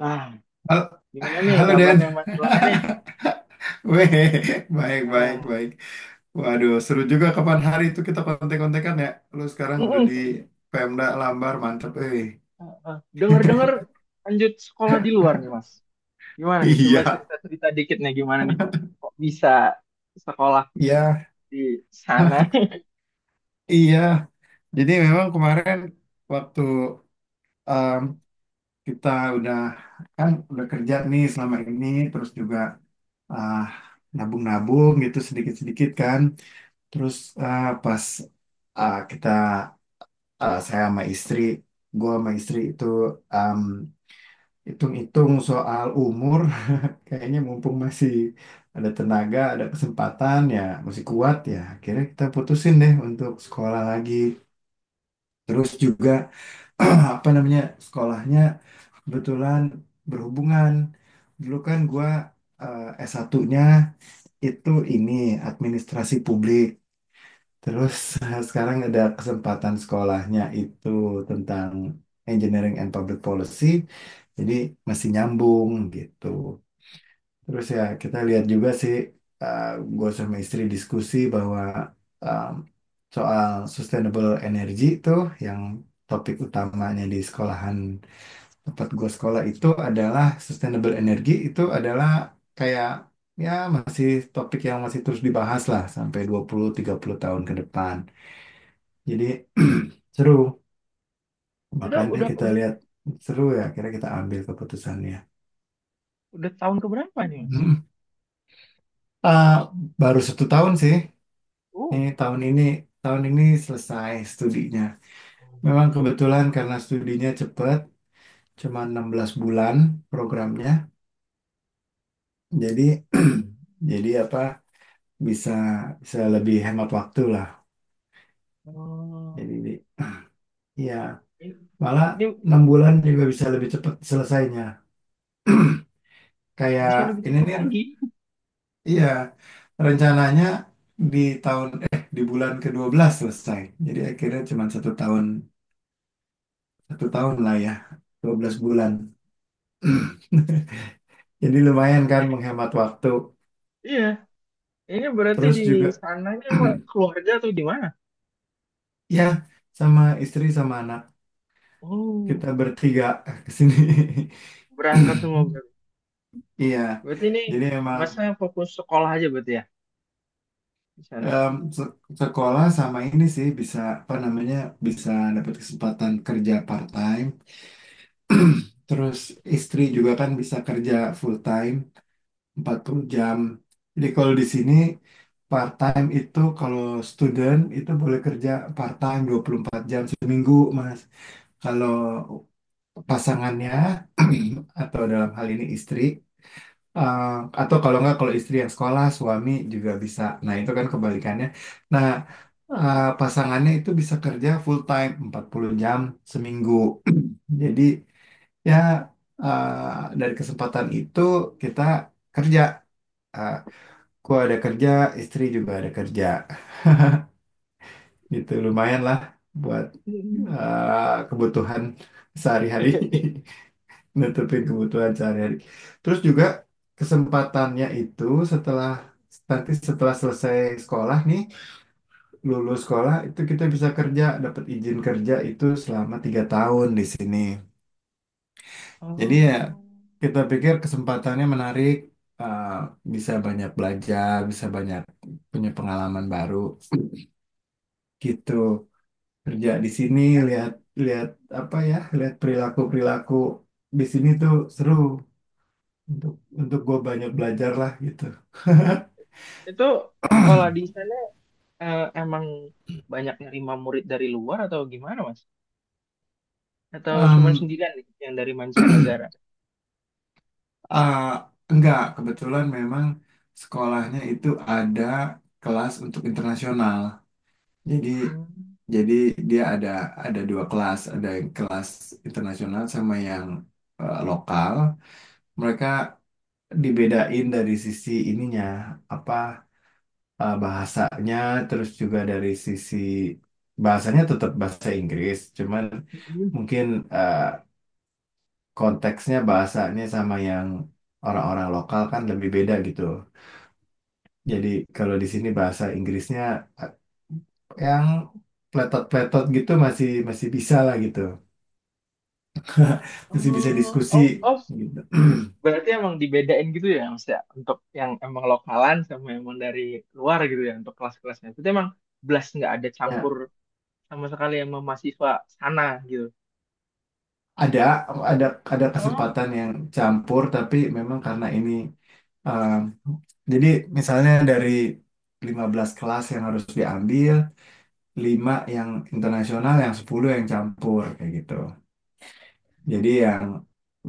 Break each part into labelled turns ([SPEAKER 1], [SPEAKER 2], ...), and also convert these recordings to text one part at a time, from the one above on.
[SPEAKER 1] Nah,
[SPEAKER 2] Hal-
[SPEAKER 1] gimana nih
[SPEAKER 2] Halo Dan.
[SPEAKER 1] kabarnya Mas Pulang nih?
[SPEAKER 2] Weh, baik, baik,
[SPEAKER 1] Ah,
[SPEAKER 2] baik. Waduh, seru juga kapan hari itu kita kontek-kontekan ya. Lu sekarang udah di
[SPEAKER 1] mm-mm.
[SPEAKER 2] Pemda Lambar, mantep. Eh.
[SPEAKER 1] Ah, ah. Dengar-dengar lanjut sekolah di luar nih Mas. Gimana nih? Coba
[SPEAKER 2] Iya,
[SPEAKER 1] cerita-cerita dikit nih gimana nih? Kok bisa sekolah
[SPEAKER 2] iya,
[SPEAKER 1] di sana?
[SPEAKER 2] iya. Jadi memang kemarin waktu em, kita udah kan udah kerja nih selama ini, terus juga ah, nabung-nabung gitu sedikit-sedikit kan. Terus pas kita eh, saya sama istri, gue sama istri itu em, hitung-hitung soal umur, kayaknya mumpung masih ada tenaga, ada kesempatan ya, masih kuat ya. Akhirnya kita putusin deh untuk sekolah lagi. Terus juga apa namanya sekolahnya kebetulan berhubungan. Dulu kan gue S1-nya itu ini administrasi publik. Terus sekarang ada kesempatan sekolahnya itu tentang Engineering and Public Policy, jadi masih nyambung gitu. Terus ya kita lihat juga sih, eh gue sama istri diskusi bahwa em, soal sustainable energy itu yang topik utamanya di sekolahan tempat gue sekolah itu adalah sustainable energy itu adalah kayak ya masih topik yang masih terus dibahas lah sampai 20-30 tahun ke depan. Jadi seru.
[SPEAKER 1] Itu
[SPEAKER 2] Makanya
[SPEAKER 1] udah
[SPEAKER 2] kita
[SPEAKER 1] udah
[SPEAKER 2] lihat seru ya, akhirnya kita ambil keputusannya.
[SPEAKER 1] udah tahun keberapa nih Mas?
[SPEAKER 2] Hmm. Ah, Baru satu tahun sih. Ini
[SPEAKER 1] Oh,
[SPEAKER 2] tahun ini selesai studinya. Memang kebetulan karena studinya cepat, cuma 16 bulan programnya. Jadi jadi apa bisa bisa lebih hemat waktu lah.
[SPEAKER 1] oh.
[SPEAKER 2] Jadi ya
[SPEAKER 1] Ini,
[SPEAKER 2] malah
[SPEAKER 1] ini
[SPEAKER 2] 6 bulan juga bisa lebih cepat selesainya. Kayak
[SPEAKER 1] bisa lebih
[SPEAKER 2] ini
[SPEAKER 1] cepat
[SPEAKER 2] nih,
[SPEAKER 1] lagi.
[SPEAKER 2] iya rencananya di tahun eh di bulan ke belas selesai. Jadi akhirnya cuma satu tahun, satu tahun lah ya, 12 bulan. Jadi lumayan kan menghemat waktu.
[SPEAKER 1] Iya. Ini berarti
[SPEAKER 2] Terus
[SPEAKER 1] di
[SPEAKER 2] juga
[SPEAKER 1] sananya sama keluarga atau di mana?
[SPEAKER 2] ya sama istri sama anak
[SPEAKER 1] Oh,
[SPEAKER 2] kita bertiga ke sini.
[SPEAKER 1] berangkat semua berarti.
[SPEAKER 2] Iya.
[SPEAKER 1] Berarti ini
[SPEAKER 2] Jadi emang
[SPEAKER 1] masnya fokus sekolah aja berarti ya? Di sana.
[SPEAKER 2] em, se- sekolah sama ini sih bisa, apa namanya, bisa dapat kesempatan kerja part time. Terus istri juga kan bisa kerja full time. 40 jam. Jadi kalau di sini part time itu kalau student itu boleh kerja part time 24 jam seminggu, Mas. Kalau pasangannya atau dalam hal ini istri, eh, atau kalau nggak, kalau istri yang sekolah, suami juga bisa. Nah, itu kan kebalikannya. Nah, pasangannya itu bisa kerja full time 40 jam seminggu. Jadi ya, dari kesempatan itu kita kerja Eh, Gua ada kerja, istri juga ada kerja. Gitu lumayan lah buat kebutuhan sehari-hari, nutupin kebutuhan sehari-hari. Terus juga kesempatannya itu setelah nanti setelah selesai sekolah nih, lulus sekolah itu kita bisa kerja, dapat izin kerja itu selama 3 tahun di sini. Jadi ya
[SPEAKER 1] Oh,
[SPEAKER 2] kita pikir kesempatannya menarik, eh, bisa banyak belajar, bisa banyak punya pengalaman baru gitu. Kerja di sini,
[SPEAKER 1] em-
[SPEAKER 2] lihat lihat apa ya, lihat perilaku perilaku di sini tuh seru untuk untuk gue banyak belajar lah gitu.
[SPEAKER 1] itu kalau di sana emang banyak nerima murid dari luar atau gimana, Mas? Atau cuma
[SPEAKER 2] Em,
[SPEAKER 1] sendirian nih yang dari mancanegara?
[SPEAKER 2] ah, enggak, kebetulan memang sekolahnya itu ada kelas untuk internasional. Jadi
[SPEAKER 1] Hmm.
[SPEAKER 2] jadi dia ada 2 kelas, ada yang kelas internasional sama yang lokal. Mereka dibedain dari sisi ininya, apa, bahasanya, terus juga dari sisi bahasanya tetap bahasa Inggris cuman
[SPEAKER 1] Mm-mm.
[SPEAKER 2] mungkin eh, konteksnya bahasanya sama yang orang-orang lokal kan lebih beda gitu. Jadi kalau di sini bahasa Inggrisnya eh, yang pletot-pletot gitu masih masih bisa lah gitu, masih bisa
[SPEAKER 1] Oh,
[SPEAKER 2] diskusi
[SPEAKER 1] oh, oh,
[SPEAKER 2] gitu.
[SPEAKER 1] berarti emang dibedain gitu ya, Mas ya, untuk yang emang lokalan sama emang dari luar gitu ya, untuk kelas-kelasnya. Itu emang belas nggak ada campur
[SPEAKER 2] Ya,
[SPEAKER 1] sama sekali sama mahasiswa sana gitu.
[SPEAKER 2] ada ada ada
[SPEAKER 1] Oh,
[SPEAKER 2] kesempatan yang campur tapi memang karena ini, Um, jadi misalnya dari 15 kelas yang harus diambil, 5 yang internasional, yang 10 yang campur kayak gitu. Jadi yang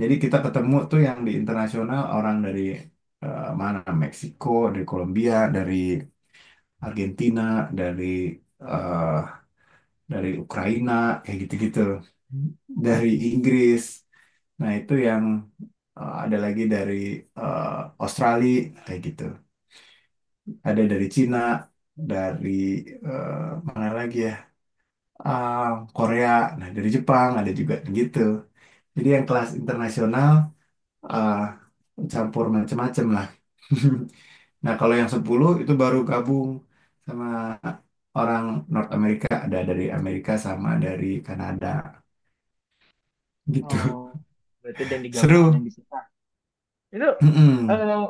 [SPEAKER 2] jadi kita ketemu tuh yang di internasional orang dari, mana? Meksiko, dari Kolombia, dari Argentina, dari, eh, dari Ukraina kayak gitu-gitu. Dari Inggris. Nah, itu yang ada lagi dari eh, Australia kayak gitu. Ada dari Cina, dari, mana lagi ya? Ah, Korea, nah dari Jepang ada juga gitu. Jadi yang kelas internasional ah, campur macem-macem lah. Nah, kalau yang 10 itu baru gabung sama orang North America, ada dari Amerika sama dari Kanada gitu.
[SPEAKER 1] oh, berarti ada yang digabung, ada yang
[SPEAKER 2] Seru.
[SPEAKER 1] dipisah. Itu
[SPEAKER 2] Mm-mm.
[SPEAKER 1] eh,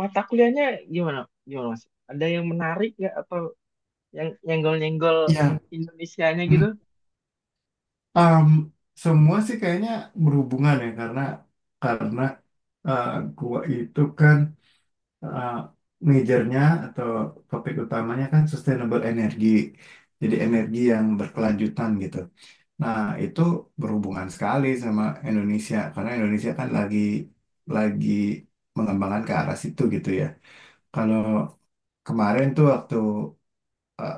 [SPEAKER 1] mata kuliahnya gimana? Gimana Mas? Ada yang menarik nggak atau yang nyenggol-nyenggol
[SPEAKER 2] Ya,
[SPEAKER 1] Indonesianya gitu?
[SPEAKER 2] mm, um, semua sih kayaknya berhubungan ya, karena eh, gua itu kan uh, majornya atau topik utamanya kan sustainable energy. Jadi energi
[SPEAKER 1] Mm-mm.
[SPEAKER 2] yang berkelanjutan gitu. Nah, itu berhubungan sekali sama Indonesia karena Indonesia kan lagi mengembangkan ke arah situ gitu ya. Kalau kemarin tuh waktu uh,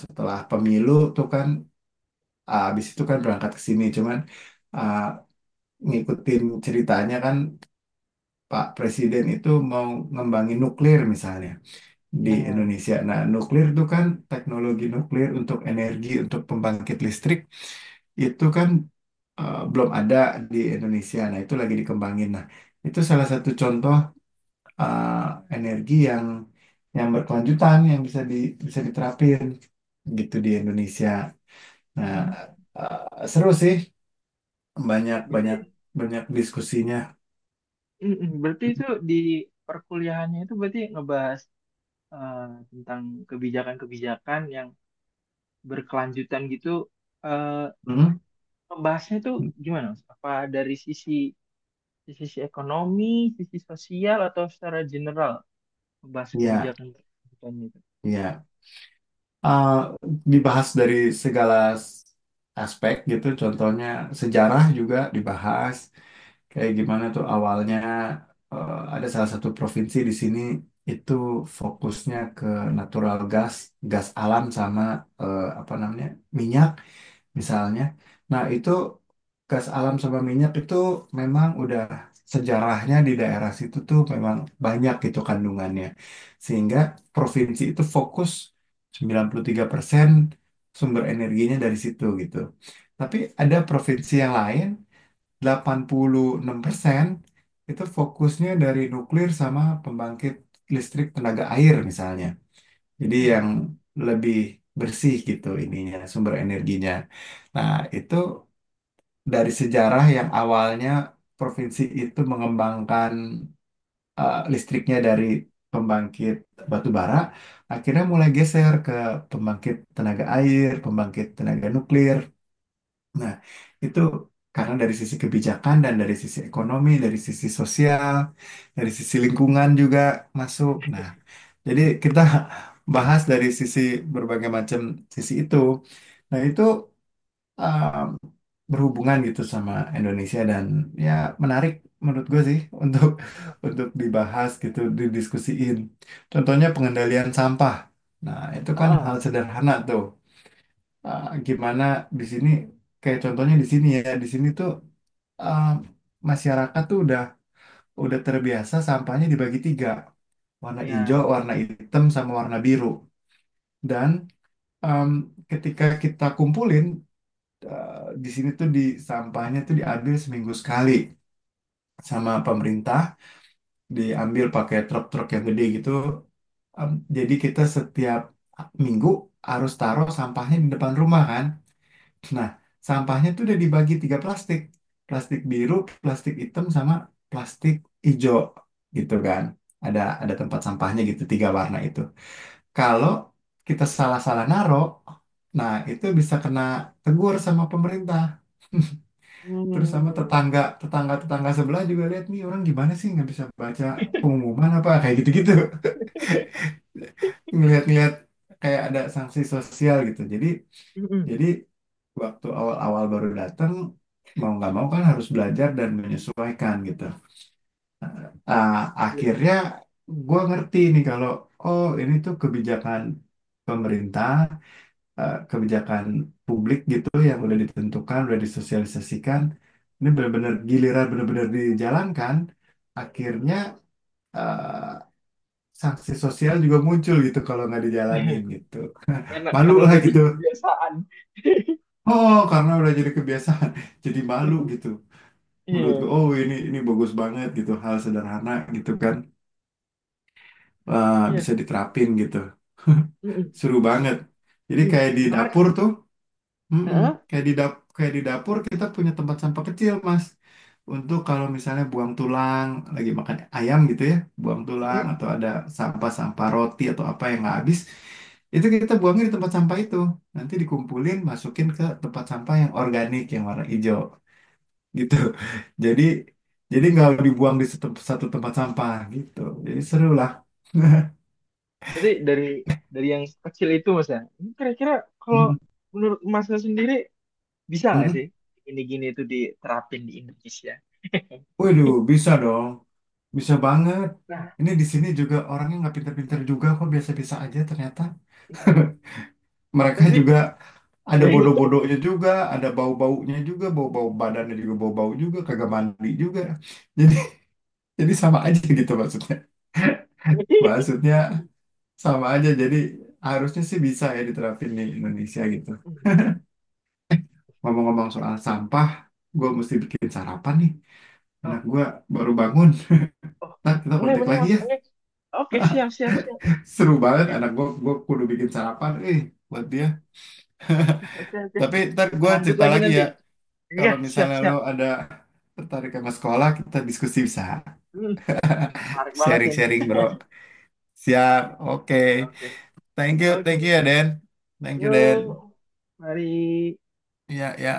[SPEAKER 2] setelah pemilu tuh kan, habis itu kan berangkat ke sini cuman uh, ngikutin ceritanya kan, Pak Presiden itu mau ngembangin nuklir misalnya di
[SPEAKER 1] Ya.
[SPEAKER 2] Indonesia. Nah, nuklir itu kan teknologi nuklir untuk energi, untuk pembangkit listrik itu kan belum ada di Indonesia. Nah, itu lagi dikembangin. Nah, itu salah satu contoh energi yang berkelanjutan yang bisa bisa diterapin gitu di Indonesia. Nah,
[SPEAKER 1] Hmm.
[SPEAKER 2] seru sih, banyak banyak
[SPEAKER 1] Berarti
[SPEAKER 2] banyak diskusinya.
[SPEAKER 1] mm-mm. Berarti itu di perkuliahannya itu berarti ngebahas eh, tentang kebijakan-kebijakan yang berkelanjutan gitu. Eh,
[SPEAKER 2] Hmm.
[SPEAKER 1] ngebahasnya itu gimana Mas? Apa dari sisi sisi ekonomi, sisi sosial atau secara general ngebahas
[SPEAKER 2] Ya.
[SPEAKER 1] kebijakan kebijakan itu?
[SPEAKER 2] Iya. eh, Dibahas dari segala s- aspek gitu. Contohnya sejarah juga dibahas, kayak gimana tuh awalnya ada salah satu provinsi di sini itu fokusnya ke natural gas, gas alam sama, apa namanya, minyak misalnya. Nah, itu gas alam sama minyak itu memang udah sejarahnya di daerah situ tuh memang banyak gitu kandungannya. Sehingga provinsi itu fokus 93% sumber energinya dari situ gitu. Tapi ada provinsi yang lain 86% itu fokusnya dari nuklir sama pembangkit listrik tenaga air misalnya. Jadi yang
[SPEAKER 1] Mm.
[SPEAKER 2] lebih bersih gitu ininya, sumber energinya. Nah, itu dari sejarah yang awalnya provinsi itu mengembangkan listriknya dari pembangkit batu bara, akhirnya mulai geser ke pembangkit tenaga air, pembangkit tenaga nuklir. Nah, itu karena dari sisi kebijakan dan dari sisi ekonomi, dari sisi sosial, dari sisi lingkungan juga masuk. Nah, jadi kita bahas dari sisi berbagai macam sisi itu. Nah, itu uh, berhubungan gitu sama Indonesia, dan ya menarik menurut gue sih untuk untuk dibahas gitu, didiskusiin. Contohnya pengendalian sampah. Nah, itu kan
[SPEAKER 1] Heeh.
[SPEAKER 2] hal sederhana tuh, gimana di sini, kayak contohnya di sini ya, di sini tuh uh, masyarakat tuh udah terbiasa sampahnya dibagi tiga, warna hijau,
[SPEAKER 1] Ya.
[SPEAKER 2] warna hitam sama warna biru. Dan um, ketika kita kumpulin di sini tuh sampahnya tuh diambil seminggu sekali sama pemerintah, diambil pakai truk-truk yang gede gitu. Jadi kita setiap minggu harus taruh sampahnya di depan rumah kan. Nah, sampahnya tuh udah dibagi tiga plastik. Plastik biru, plastik hitam, sama plastik hijau gitu kan. Ada tempat sampahnya gitu, tiga warna itu. Kalau kita salah-salah naro, nah itu bisa kena tegur sama pemerintah. Terus sama
[SPEAKER 1] Hmm.
[SPEAKER 2] tetangga-tetangga sebelah juga lihat, nih orang gimana sih, nggak bisa baca pengumuman apa, kayak gitu-gitu. Ngelihat-ngelihat kayak ada sanksi sosial gitu. Jadi
[SPEAKER 1] Mm-mm.
[SPEAKER 2] jadi waktu awal-awal baru datang mau nggak mau kan harus belajar dan menyesuaikan gitu. Ah,
[SPEAKER 1] Iya.
[SPEAKER 2] Akhirnya gue ngerti nih kalau oh ini tuh kebijakan pemerintah, eh, kebijakan publik gitu yang udah ditentukan, udah disosialisasikan. Ini benar-benar giliran benar-benar dijalankan. Akhirnya eh, sanksi sosial juga muncul gitu kalau nggak dijalanin gitu.
[SPEAKER 1] Enak
[SPEAKER 2] Malu
[SPEAKER 1] karena
[SPEAKER 2] lah
[SPEAKER 1] udah jadi
[SPEAKER 2] gitu.
[SPEAKER 1] kebiasaan.
[SPEAKER 2] Oh, karena udah jadi kebiasaan, jadi malu gitu. Menurutku
[SPEAKER 1] Iya,
[SPEAKER 2] oh ini bagus banget gitu, hal sederhana gitu kan
[SPEAKER 1] iya.
[SPEAKER 2] bisa diterapin gitu.
[SPEAKER 1] Mm-mm.
[SPEAKER 2] Seru banget, jadi
[SPEAKER 1] Iya.
[SPEAKER 2] kayak di
[SPEAKER 1] Menarik.
[SPEAKER 2] dapur tuh, mm-mm,
[SPEAKER 1] Heeh.
[SPEAKER 2] kayak di dapur kita punya tempat sampah kecil, Mas, untuk kalau misalnya buang tulang, lagi makan ayam gitu ya, buang tulang
[SPEAKER 1] Mm-mm.
[SPEAKER 2] atau ada sampah-sampah roti atau apa yang nggak habis, itu kita buangnya di tempat sampah itu, nanti dikumpulin, masukin ke tempat sampah yang organik yang warna hijau gitu. Jadi jadi nggak dibuang di satu tempat sampah gitu. Jadi seru lah.
[SPEAKER 1] Berarti dari yang kecil itu Mas ya. Ini kira-kira kalau
[SPEAKER 2] Mm-mm.
[SPEAKER 1] menurut Masnya sendiri bisa nggak sih gini-gini itu diterapin di Indonesia?
[SPEAKER 2] Waduh, bisa dong. Bisa banget.
[SPEAKER 1] Nah,
[SPEAKER 2] Ini di sini juga orangnya nggak pinter-pinter juga kok, biasa-biasa aja ternyata.
[SPEAKER 1] nah.
[SPEAKER 2] Mereka
[SPEAKER 1] Tapi
[SPEAKER 2] juga ada bodoh-bodohnya juga, ada bau-baunya juga, bau-bau badannya juga, bau-bau juga, kagak mandi juga. Jadi jadi sama aja gitu maksudnya. Maksudnya sama aja. Jadi harusnya sih bisa ya diterapin di Indonesia gitu. Ngomong-ngomong soal sampah, gue mesti bikin sarapan nih. Anak
[SPEAKER 1] oh,
[SPEAKER 2] gue baru bangun.
[SPEAKER 1] oh,
[SPEAKER 2] Nah, kita
[SPEAKER 1] boleh
[SPEAKER 2] kontak
[SPEAKER 1] boleh
[SPEAKER 2] lagi
[SPEAKER 1] Mas.
[SPEAKER 2] ya.
[SPEAKER 1] Oke. Oke, siap siap siap.
[SPEAKER 2] Seru banget
[SPEAKER 1] Oke.
[SPEAKER 2] anak gue. Gue kudu bikin sarapan. Eh, buat dia.
[SPEAKER 1] Oke, oke.
[SPEAKER 2] Tapi ntar
[SPEAKER 1] Kita
[SPEAKER 2] gue
[SPEAKER 1] lanjut
[SPEAKER 2] cerita
[SPEAKER 1] lagi
[SPEAKER 2] lagi
[SPEAKER 1] nanti.
[SPEAKER 2] ya.
[SPEAKER 1] Iya,
[SPEAKER 2] Kalau misalnya lo
[SPEAKER 1] siap-siap.
[SPEAKER 2] ada tertarik sama sekolah, kita diskusi bisa.
[SPEAKER 1] Hmm, menarik banget sih ini.
[SPEAKER 2] Sharing-sharing, bro. Siap.
[SPEAKER 1] Ya,
[SPEAKER 2] Oke.
[SPEAKER 1] oke.
[SPEAKER 2] Thank you.
[SPEAKER 1] Oke.
[SPEAKER 2] Thank you ya, Den. Thank you,
[SPEAKER 1] Yuk,
[SPEAKER 2] Den.
[SPEAKER 1] mari.
[SPEAKER 2] Ya, ya.